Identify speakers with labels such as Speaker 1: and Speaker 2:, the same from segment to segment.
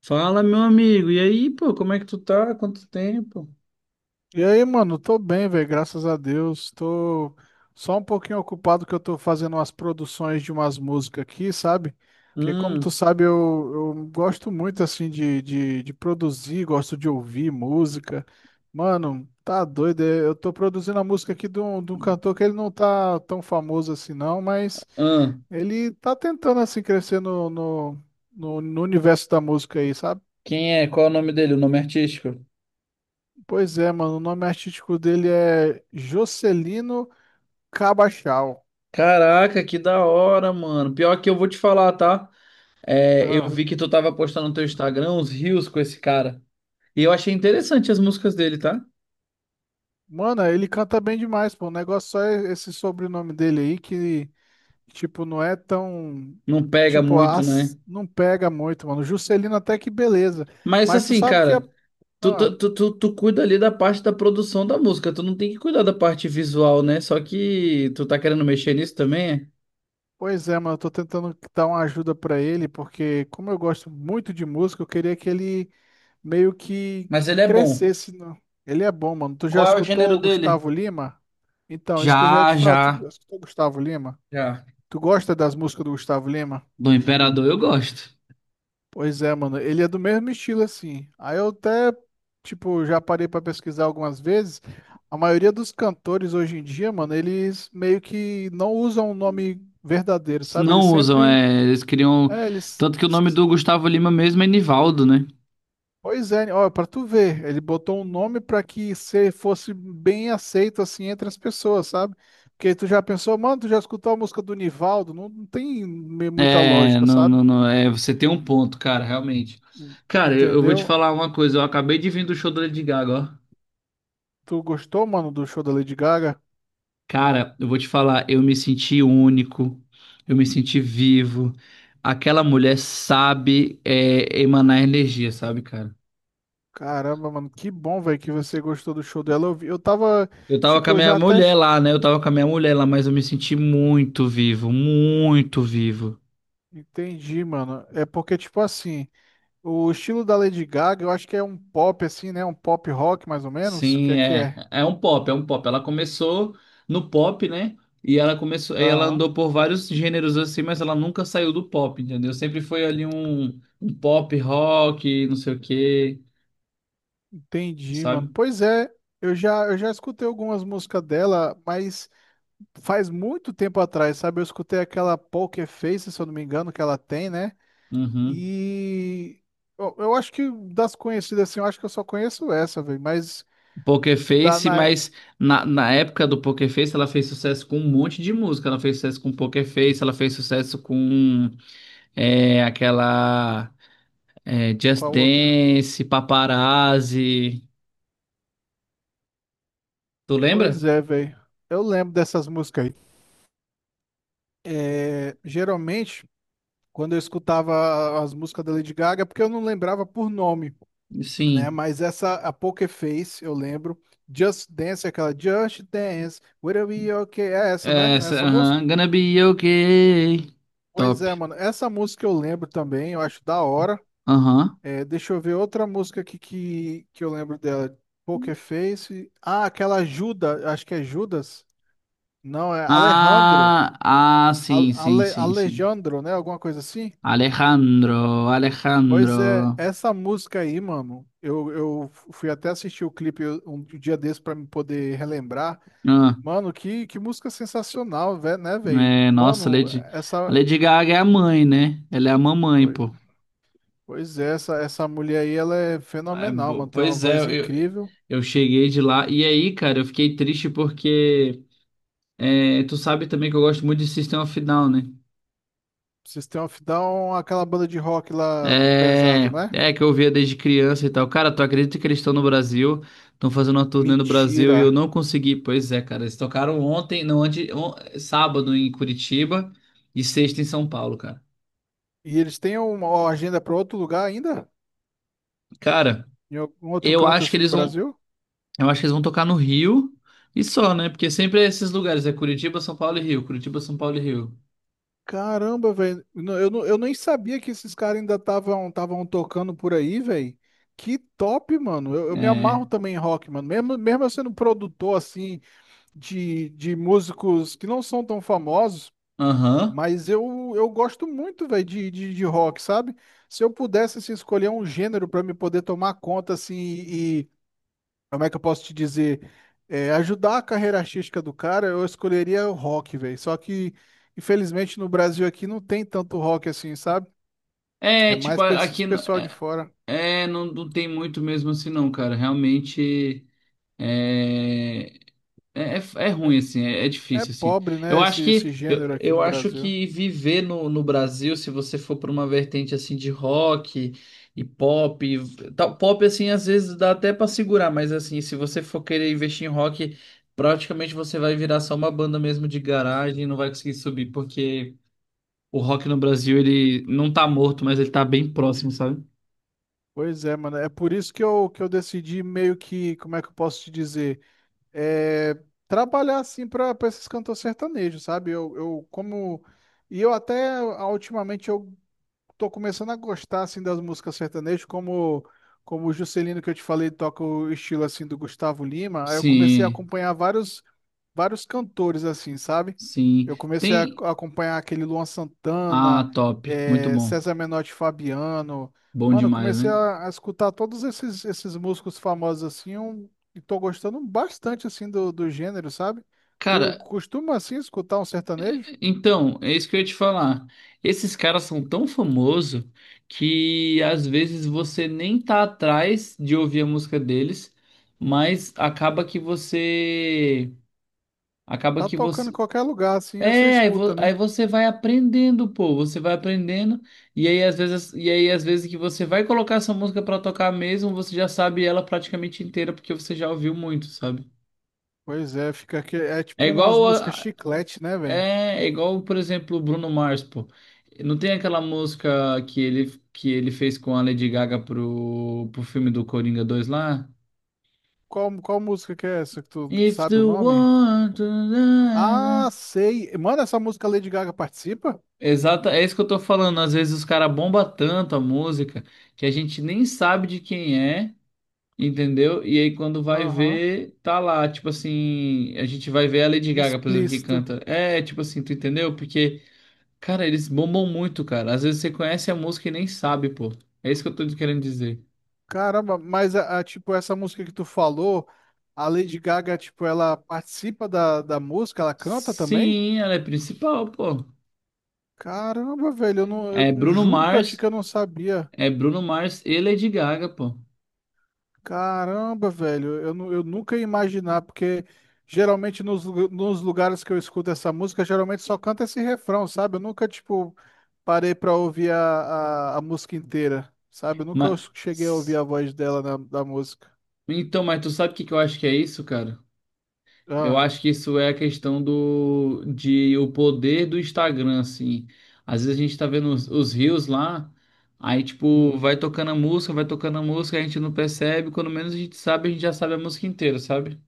Speaker 1: Fala, meu amigo. E aí, pô, como é que tu tá? Quanto tempo?
Speaker 2: E aí, mano, tô bem, velho, graças a Deus. Tô só um pouquinho ocupado que eu tô fazendo umas produções de umas músicas aqui, sabe? Porque como tu
Speaker 1: Hum,
Speaker 2: sabe, eu gosto muito, assim, de produzir, gosto de ouvir música. Mano, tá doido, é, eu tô produzindo a música aqui de um cantor que ele não tá tão famoso assim não, mas
Speaker 1: ah,
Speaker 2: ele tá tentando, assim, crescer no universo da música aí, sabe?
Speaker 1: quem é? Qual é o nome dele? O nome artístico?
Speaker 2: Pois é, mano, o nome artístico dele é Jocelino... Cabachal.
Speaker 1: Caraca, que da hora, mano. Pior que eu vou te falar, tá? É, eu
Speaker 2: Ah.
Speaker 1: vi que tu tava postando no teu Instagram uns reels com esse cara. E eu achei interessante as músicas dele, tá?
Speaker 2: Mano, ele canta bem demais, pô. O negócio só é esse sobrenome dele aí que, tipo, não é tão.
Speaker 1: Não pega
Speaker 2: Tipo,
Speaker 1: muito, né?
Speaker 2: as... não pega muito, mano. Juscelino até que beleza.
Speaker 1: Mas
Speaker 2: Mas tu
Speaker 1: assim,
Speaker 2: sabe que.
Speaker 1: cara, tu,
Speaker 2: Ah,
Speaker 1: tu, tu, tu, tu cuida ali da parte da produção da música. Tu não tem que cuidar da parte visual, né? Só que tu tá querendo mexer nisso também, é?
Speaker 2: pois é, mano. Eu tô tentando dar uma ajuda pra ele, porque como eu gosto muito de música, eu queria que ele meio que
Speaker 1: Mas ele é bom.
Speaker 2: crescesse. Ele é bom, mano. Tu já
Speaker 1: Qual é o
Speaker 2: escutou
Speaker 1: gênero
Speaker 2: o
Speaker 1: dele?
Speaker 2: Gustavo Lima? Então, isso que eu já ia te
Speaker 1: Já,
Speaker 2: falar. Tu
Speaker 1: já,
Speaker 2: já escutou o Gustavo Lima?
Speaker 1: já.
Speaker 2: Tu gosta das músicas do Gustavo Lima?
Speaker 1: Do Imperador eu gosto.
Speaker 2: Pois é, mano, ele é do mesmo estilo assim. Aí eu até, tipo, já parei pra pesquisar algumas vezes. A maioria dos cantores hoje em dia, mano, eles meio que não usam o nome verdadeiro, sabe? Eles
Speaker 1: Não usam,
Speaker 2: sempre,
Speaker 1: é, eles criam.
Speaker 2: é, eles,
Speaker 1: Tanto que o
Speaker 2: eles-
Speaker 1: nome do Gustavo Lima mesmo é Nivaldo, né?
Speaker 2: Pois é, ó, pra tu ver, ele botou um nome pra que se fosse bem aceito assim entre as pessoas, sabe? Porque tu já pensou, mano, tu já escutou a música do Nivaldo? Não, não tem muita
Speaker 1: É,
Speaker 2: lógica,
Speaker 1: não,
Speaker 2: sabe?
Speaker 1: não, não, é, você tem um ponto, cara, realmente. Cara, eu vou te
Speaker 2: Entendeu?
Speaker 1: falar uma coisa, eu acabei de vir do show do Lady Gaga, ó.
Speaker 2: Tu gostou, mano, do show da Lady Gaga?
Speaker 1: Cara, eu vou te falar, eu me senti único, eu me senti vivo. Aquela mulher sabe, é, emanar energia, sabe, cara?
Speaker 2: Caramba, mano, que bom, velho, que você gostou do show dela. Eu tava,
Speaker 1: Eu tava com a
Speaker 2: tipo, eu
Speaker 1: minha
Speaker 2: já até
Speaker 1: mulher
Speaker 2: ch-
Speaker 1: lá, né? Eu tava com a minha mulher lá, mas eu me senti muito vivo, muito vivo.
Speaker 2: entendi, mano. É porque, tipo assim, o estilo da Lady Gaga, eu acho que é um pop, assim, né? Um pop rock, mais ou menos. O que
Speaker 1: Sim,
Speaker 2: é que
Speaker 1: é.
Speaker 2: é?
Speaker 1: É um pop, é um pop. Ela começou no pop, né? E ela começou, e ela
Speaker 2: Aham,
Speaker 1: andou por vários gêneros assim, mas ela nunca saiu do pop, entendeu? Sempre foi ali um, um pop rock, não sei o quê,
Speaker 2: entendi,
Speaker 1: sabe?
Speaker 2: mano. Pois é, eu já escutei algumas músicas dela, mas faz muito tempo atrás, sabe? Eu escutei aquela Poker Face, se eu não me engano, que ela tem, né?
Speaker 1: Uhum.
Speaker 2: E eu acho que das conhecidas, assim, eu acho que eu só conheço essa, velho, mas.
Speaker 1: Poker
Speaker 2: Da,
Speaker 1: Face,
Speaker 2: na,
Speaker 1: mas na, na época do Poker Face ela fez sucesso com um monte de música. Ela fez sucesso com Poker Face, ela fez sucesso com é, aquela. É, Just
Speaker 2: Qual outra?
Speaker 1: Dance, Paparazzi. Tu
Speaker 2: Pois
Speaker 1: lembra?
Speaker 2: é, velho. Eu lembro dessas músicas aí. É, geralmente, quando eu escutava as músicas da Lady Gaga, é porque eu não lembrava por nome, né?
Speaker 1: Sim.
Speaker 2: Mas essa, a Poker Face, eu lembro. Just Dance, aquela Just Dance, Will Be Okay. É essa, né?
Speaker 1: Essa,
Speaker 2: Nessa música?
Speaker 1: aham. Gonna be okay.
Speaker 2: Pois
Speaker 1: Top.
Speaker 2: é, mano. Essa música eu lembro também, eu acho da hora.
Speaker 1: Aham.
Speaker 2: É, deixa eu ver outra música aqui que eu lembro dela. Poker Face. Ah, aquela Judas, acho que é Judas. Não, é Alejandro.
Speaker 1: Ah, ah, sim, sim, sim, sim.
Speaker 2: Alejandro, né? Alguma coisa assim?
Speaker 1: Alejandro,
Speaker 2: Pois é,
Speaker 1: Alejandro.
Speaker 2: essa música aí, mano, eu fui até assistir o clipe um dia desse pra me poder relembrar.
Speaker 1: Ah,
Speaker 2: Mano, que música sensacional, né, velho?
Speaker 1: é, nossa,
Speaker 2: Mano,
Speaker 1: Lady, a
Speaker 2: essa.
Speaker 1: Lady Gaga é a mãe, né? Ela é a mamãe,
Speaker 2: Pois
Speaker 1: pô.
Speaker 2: pois é, essa mulher aí, ela é
Speaker 1: É,
Speaker 2: fenomenal, mano. Tem uma
Speaker 1: pois é,
Speaker 2: voz incrível.
Speaker 1: eu cheguei de lá. E aí, cara, eu fiquei triste porque é, tu sabe também que eu gosto muito de System of a Down, né?
Speaker 2: System of Down, aquela banda de rock lá
Speaker 1: É,
Speaker 2: pesado, né?
Speaker 1: é que eu ouvia desde criança e tal. Cara, tu acredita que eles estão no Brasil? Estão fazendo uma turnê no Brasil e eu
Speaker 2: Mentira.
Speaker 1: não consegui. Pois é, cara, eles tocaram ontem, não, antes, sábado em Curitiba e sexta em São Paulo, cara.
Speaker 2: E eles têm uma agenda pra outro lugar ainda?
Speaker 1: Cara,
Speaker 2: Em algum outro
Speaker 1: eu
Speaker 2: canto
Speaker 1: acho que
Speaker 2: assim do
Speaker 1: eles vão,
Speaker 2: Brasil?
Speaker 1: eu acho que eles vão tocar no Rio e só, né? Porque sempre é esses lugares, é Curitiba, São Paulo e Rio, Curitiba, São Paulo e Rio.
Speaker 2: Caramba, velho. Não, eu nem sabia que esses caras ainda estavam tocando por aí, velho. Que top, mano. Eu me
Speaker 1: É,
Speaker 2: amarro também em rock, mano. Mesmo eu sendo produtor, assim, de músicos que não são tão famosos,
Speaker 1: aham.
Speaker 2: mas eu gosto muito, velho, de rock, sabe? Se eu pudesse, assim, escolher um gênero pra me poder tomar conta, assim, e como é que eu posso te dizer? É, ajudar a carreira artística do cara, eu escolheria o rock, velho. Só que, infelizmente, no Brasil aqui não tem tanto rock assim, sabe?
Speaker 1: É,
Speaker 2: É
Speaker 1: tipo,
Speaker 2: mais pra esse
Speaker 1: aqui
Speaker 2: pessoal de
Speaker 1: é,
Speaker 2: fora.
Speaker 1: é, não, não tem muito mesmo assim não, cara. Realmente é. É, é, é
Speaker 2: É,
Speaker 1: ruim, assim, é, é
Speaker 2: é
Speaker 1: difícil, assim.
Speaker 2: pobre, né, esse, esse gênero aqui no
Speaker 1: Eu acho
Speaker 2: Brasil.
Speaker 1: que viver no, no Brasil, se você for para uma vertente assim de rock e pop, e tal, pop assim, às vezes dá até para segurar, mas assim, se você for querer investir em rock, praticamente você vai virar só uma banda mesmo de garagem e não vai conseguir subir, porque o rock no Brasil, ele não tá morto, mas ele tá bem próximo, sabe?
Speaker 2: Pois é, mano. É por isso que eu decidi meio que, como é que eu posso te dizer? É, trabalhar assim pra esses cantores sertanejos, sabe? Eu como. E eu até ah, ultimamente eu tô começando a gostar assim das músicas sertanejas, como como o Juscelino que eu te falei toca o estilo assim do Gustavo Lima. Aí eu comecei a
Speaker 1: Sim,
Speaker 2: acompanhar vários cantores assim, sabe?
Speaker 1: sim.
Speaker 2: Eu comecei a
Speaker 1: Tem.
Speaker 2: acompanhar aquele Luan Santana,
Speaker 1: Ah, top. Muito
Speaker 2: eh,
Speaker 1: bom.
Speaker 2: César Menotti e Fabiano.
Speaker 1: Bom
Speaker 2: Mano, eu
Speaker 1: demais,
Speaker 2: comecei
Speaker 1: né?
Speaker 2: a escutar todos esses músicos famosos assim, e tô gostando bastante assim do, do gênero, sabe? Tu
Speaker 1: Cara,
Speaker 2: costuma assim escutar um sertanejo?
Speaker 1: então, é isso que eu ia te falar. Esses caras são tão famosos que às vezes você nem tá atrás de ouvir a música deles, mas acaba que você. Acaba
Speaker 2: Tá
Speaker 1: que
Speaker 2: tocando em
Speaker 1: você.
Speaker 2: qualquer lugar assim, você
Speaker 1: É, aí,
Speaker 2: escuta,
Speaker 1: aí
Speaker 2: né?
Speaker 1: você vai aprendendo, pô, você vai aprendendo, e aí às vezes, e aí às vezes que você vai colocar essa música pra tocar mesmo, você já sabe ela praticamente inteira porque você já ouviu muito, sabe?
Speaker 2: Pois é, fica aqui. É
Speaker 1: É
Speaker 2: tipo umas
Speaker 1: igual
Speaker 2: músicas chiclete, né, velho?
Speaker 1: é é igual, por exemplo, o Bruno Mars, pô. Não tem aquela música que ele fez com a Lady Gaga pro, pro filme do Coringa 2 lá?
Speaker 2: Qual música que é essa que tu
Speaker 1: If
Speaker 2: sabe o
Speaker 1: the
Speaker 2: nome?
Speaker 1: one to
Speaker 2: Ah,
Speaker 1: die-
Speaker 2: sei. Mano, essa música Lady Gaga participa?
Speaker 1: exato, é isso que eu tô falando. Às vezes os caras bombam tanto a música que a gente nem sabe de quem é, entendeu? E aí quando vai
Speaker 2: Aham.
Speaker 1: ver, tá lá. Tipo assim, a gente vai ver a Lady Gaga, por exemplo, que
Speaker 2: Explícito.
Speaker 1: canta. É, tipo assim, tu entendeu? Porque. Cara, eles bombam muito, cara. Às vezes você conhece a música e nem sabe, pô. É isso que eu tô querendo dizer.
Speaker 2: Caramba, mas tipo, essa música que tu falou, a Lady Gaga, tipo, ela participa da música, ela canta também?
Speaker 1: Sim, ela é principal, pô.
Speaker 2: Caramba, velho, eu não, eu
Speaker 1: É Bruno
Speaker 2: juro pra ti
Speaker 1: Mars,
Speaker 2: que eu não sabia.
Speaker 1: é Bruno Mars e Lady Gaga, pô.
Speaker 2: Caramba, velho, eu, eu nunca ia imaginar, porque geralmente nos lugares que eu escuto essa música, geralmente só canta esse refrão, sabe? Eu nunca, tipo, parei pra ouvir a música inteira, sabe? Eu nunca
Speaker 1: Mas
Speaker 2: cheguei a ouvir a voz dela da música.
Speaker 1: então, mas tu sabe o que que eu acho que é isso, cara? Eu
Speaker 2: Ah,
Speaker 1: acho que isso é a questão do de o poder do Instagram, assim. Às vezes a gente tá vendo os reels lá, aí tipo,
Speaker 2: hum,
Speaker 1: vai tocando a música, vai tocando a música, a gente não percebe, quando menos a gente sabe, a gente já sabe a música inteira, sabe?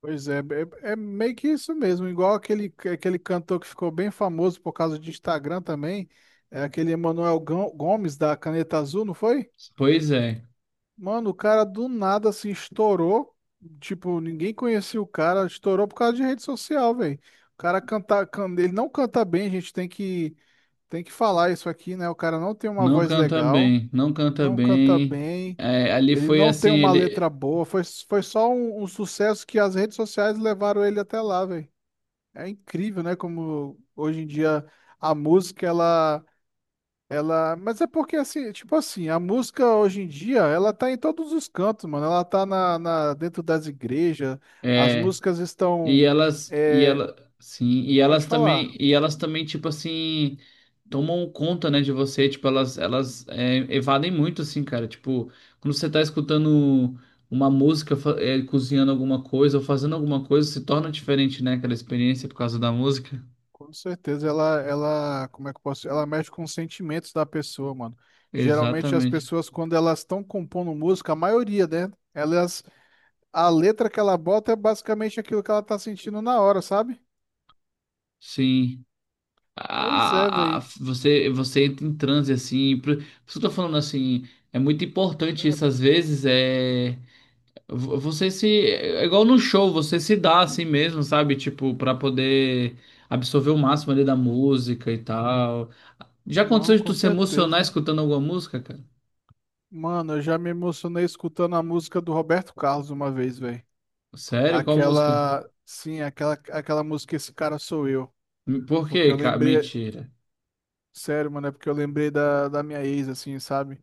Speaker 2: pois é, é, é meio que isso mesmo, igual aquele, aquele cantor que ficou bem famoso por causa de Instagram também, é aquele Gomes da Caneta Azul, não foi?
Speaker 1: Pois é,
Speaker 2: Mano, o cara do nada assim estourou. Tipo, ninguém conhecia o cara, estourou por causa de rede social, velho. O cara canta, ele não canta bem, a gente tem que falar isso aqui, né? O cara não tem uma
Speaker 1: não
Speaker 2: voz
Speaker 1: canta
Speaker 2: legal,
Speaker 1: bem, não canta
Speaker 2: não canta
Speaker 1: bem.
Speaker 2: bem,
Speaker 1: É, ali
Speaker 2: ele
Speaker 1: foi
Speaker 2: não
Speaker 1: assim,
Speaker 2: tem uma
Speaker 1: ele
Speaker 2: letra boa. Foi só um sucesso que as redes sociais levaram ele até lá, velho. É incrível, né? Como hoje em dia a música ela ela, mas é porque assim, tipo assim, a música hoje em dia, ela tá em todos os cantos, mano. Ela tá dentro das igrejas, as
Speaker 1: é,
Speaker 2: músicas estão,
Speaker 1: e elas e
Speaker 2: é,
Speaker 1: ela sim,
Speaker 2: pode falar,
Speaker 1: e elas também tipo assim tomam conta, né, de você, tipo elas é, evadem muito assim, cara, tipo, quando você tá escutando uma música, é, cozinhando alguma coisa ou fazendo alguma coisa, se torna diferente, né, aquela experiência por causa da música.
Speaker 2: com certeza como é que eu posso, ela mexe com os sentimentos da pessoa, mano. Geralmente as
Speaker 1: Exatamente.
Speaker 2: pessoas quando elas estão compondo música, a maioria, né? Elas, a letra que ela bota é basicamente aquilo que ela tá sentindo na hora, sabe?
Speaker 1: Sim.
Speaker 2: Pois é, velho.
Speaker 1: Você entra em transe assim, por isso que eu tô falando assim, é muito importante isso às vezes é você se é igual no show, você se dá assim mesmo, sabe? Tipo, pra poder absorver o máximo ali da música e tal. Já
Speaker 2: Não,
Speaker 1: aconteceu de
Speaker 2: com
Speaker 1: tu se emocionar
Speaker 2: certeza.
Speaker 1: escutando alguma música, cara?
Speaker 2: Mano, eu já me emocionei escutando a música do Roberto Carlos uma vez, velho.
Speaker 1: Sério? Qual música?
Speaker 2: Aquela música Esse Cara Sou Eu.
Speaker 1: Por
Speaker 2: Porque
Speaker 1: quê,
Speaker 2: eu
Speaker 1: cara?
Speaker 2: lembrei,
Speaker 1: Mentira.
Speaker 2: sério, mano, é porque eu lembrei da minha ex, assim, sabe?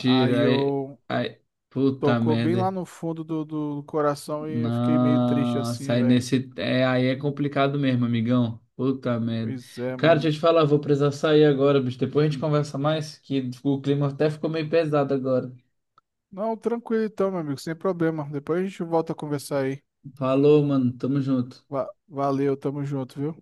Speaker 2: Aí
Speaker 1: Aí,
Speaker 2: eu
Speaker 1: aí, puta
Speaker 2: Tocou bem lá
Speaker 1: merda.
Speaker 2: no fundo do, do coração e eu fiquei meio triste
Speaker 1: Nossa,
Speaker 2: assim,
Speaker 1: aí
Speaker 2: velho.
Speaker 1: nesse. É, aí é complicado mesmo, amigão. Puta merda.
Speaker 2: Pois é,
Speaker 1: Cara, deixa
Speaker 2: mano.
Speaker 1: eu te falar, vou precisar sair agora, bicho. Depois a gente conversa mais, que o clima até ficou meio pesado agora.
Speaker 2: Não, tranquilo então, meu amigo, sem problema. Depois a gente volta a conversar aí.
Speaker 1: Falou, mano. Tamo junto.
Speaker 2: Valeu, tamo junto, viu?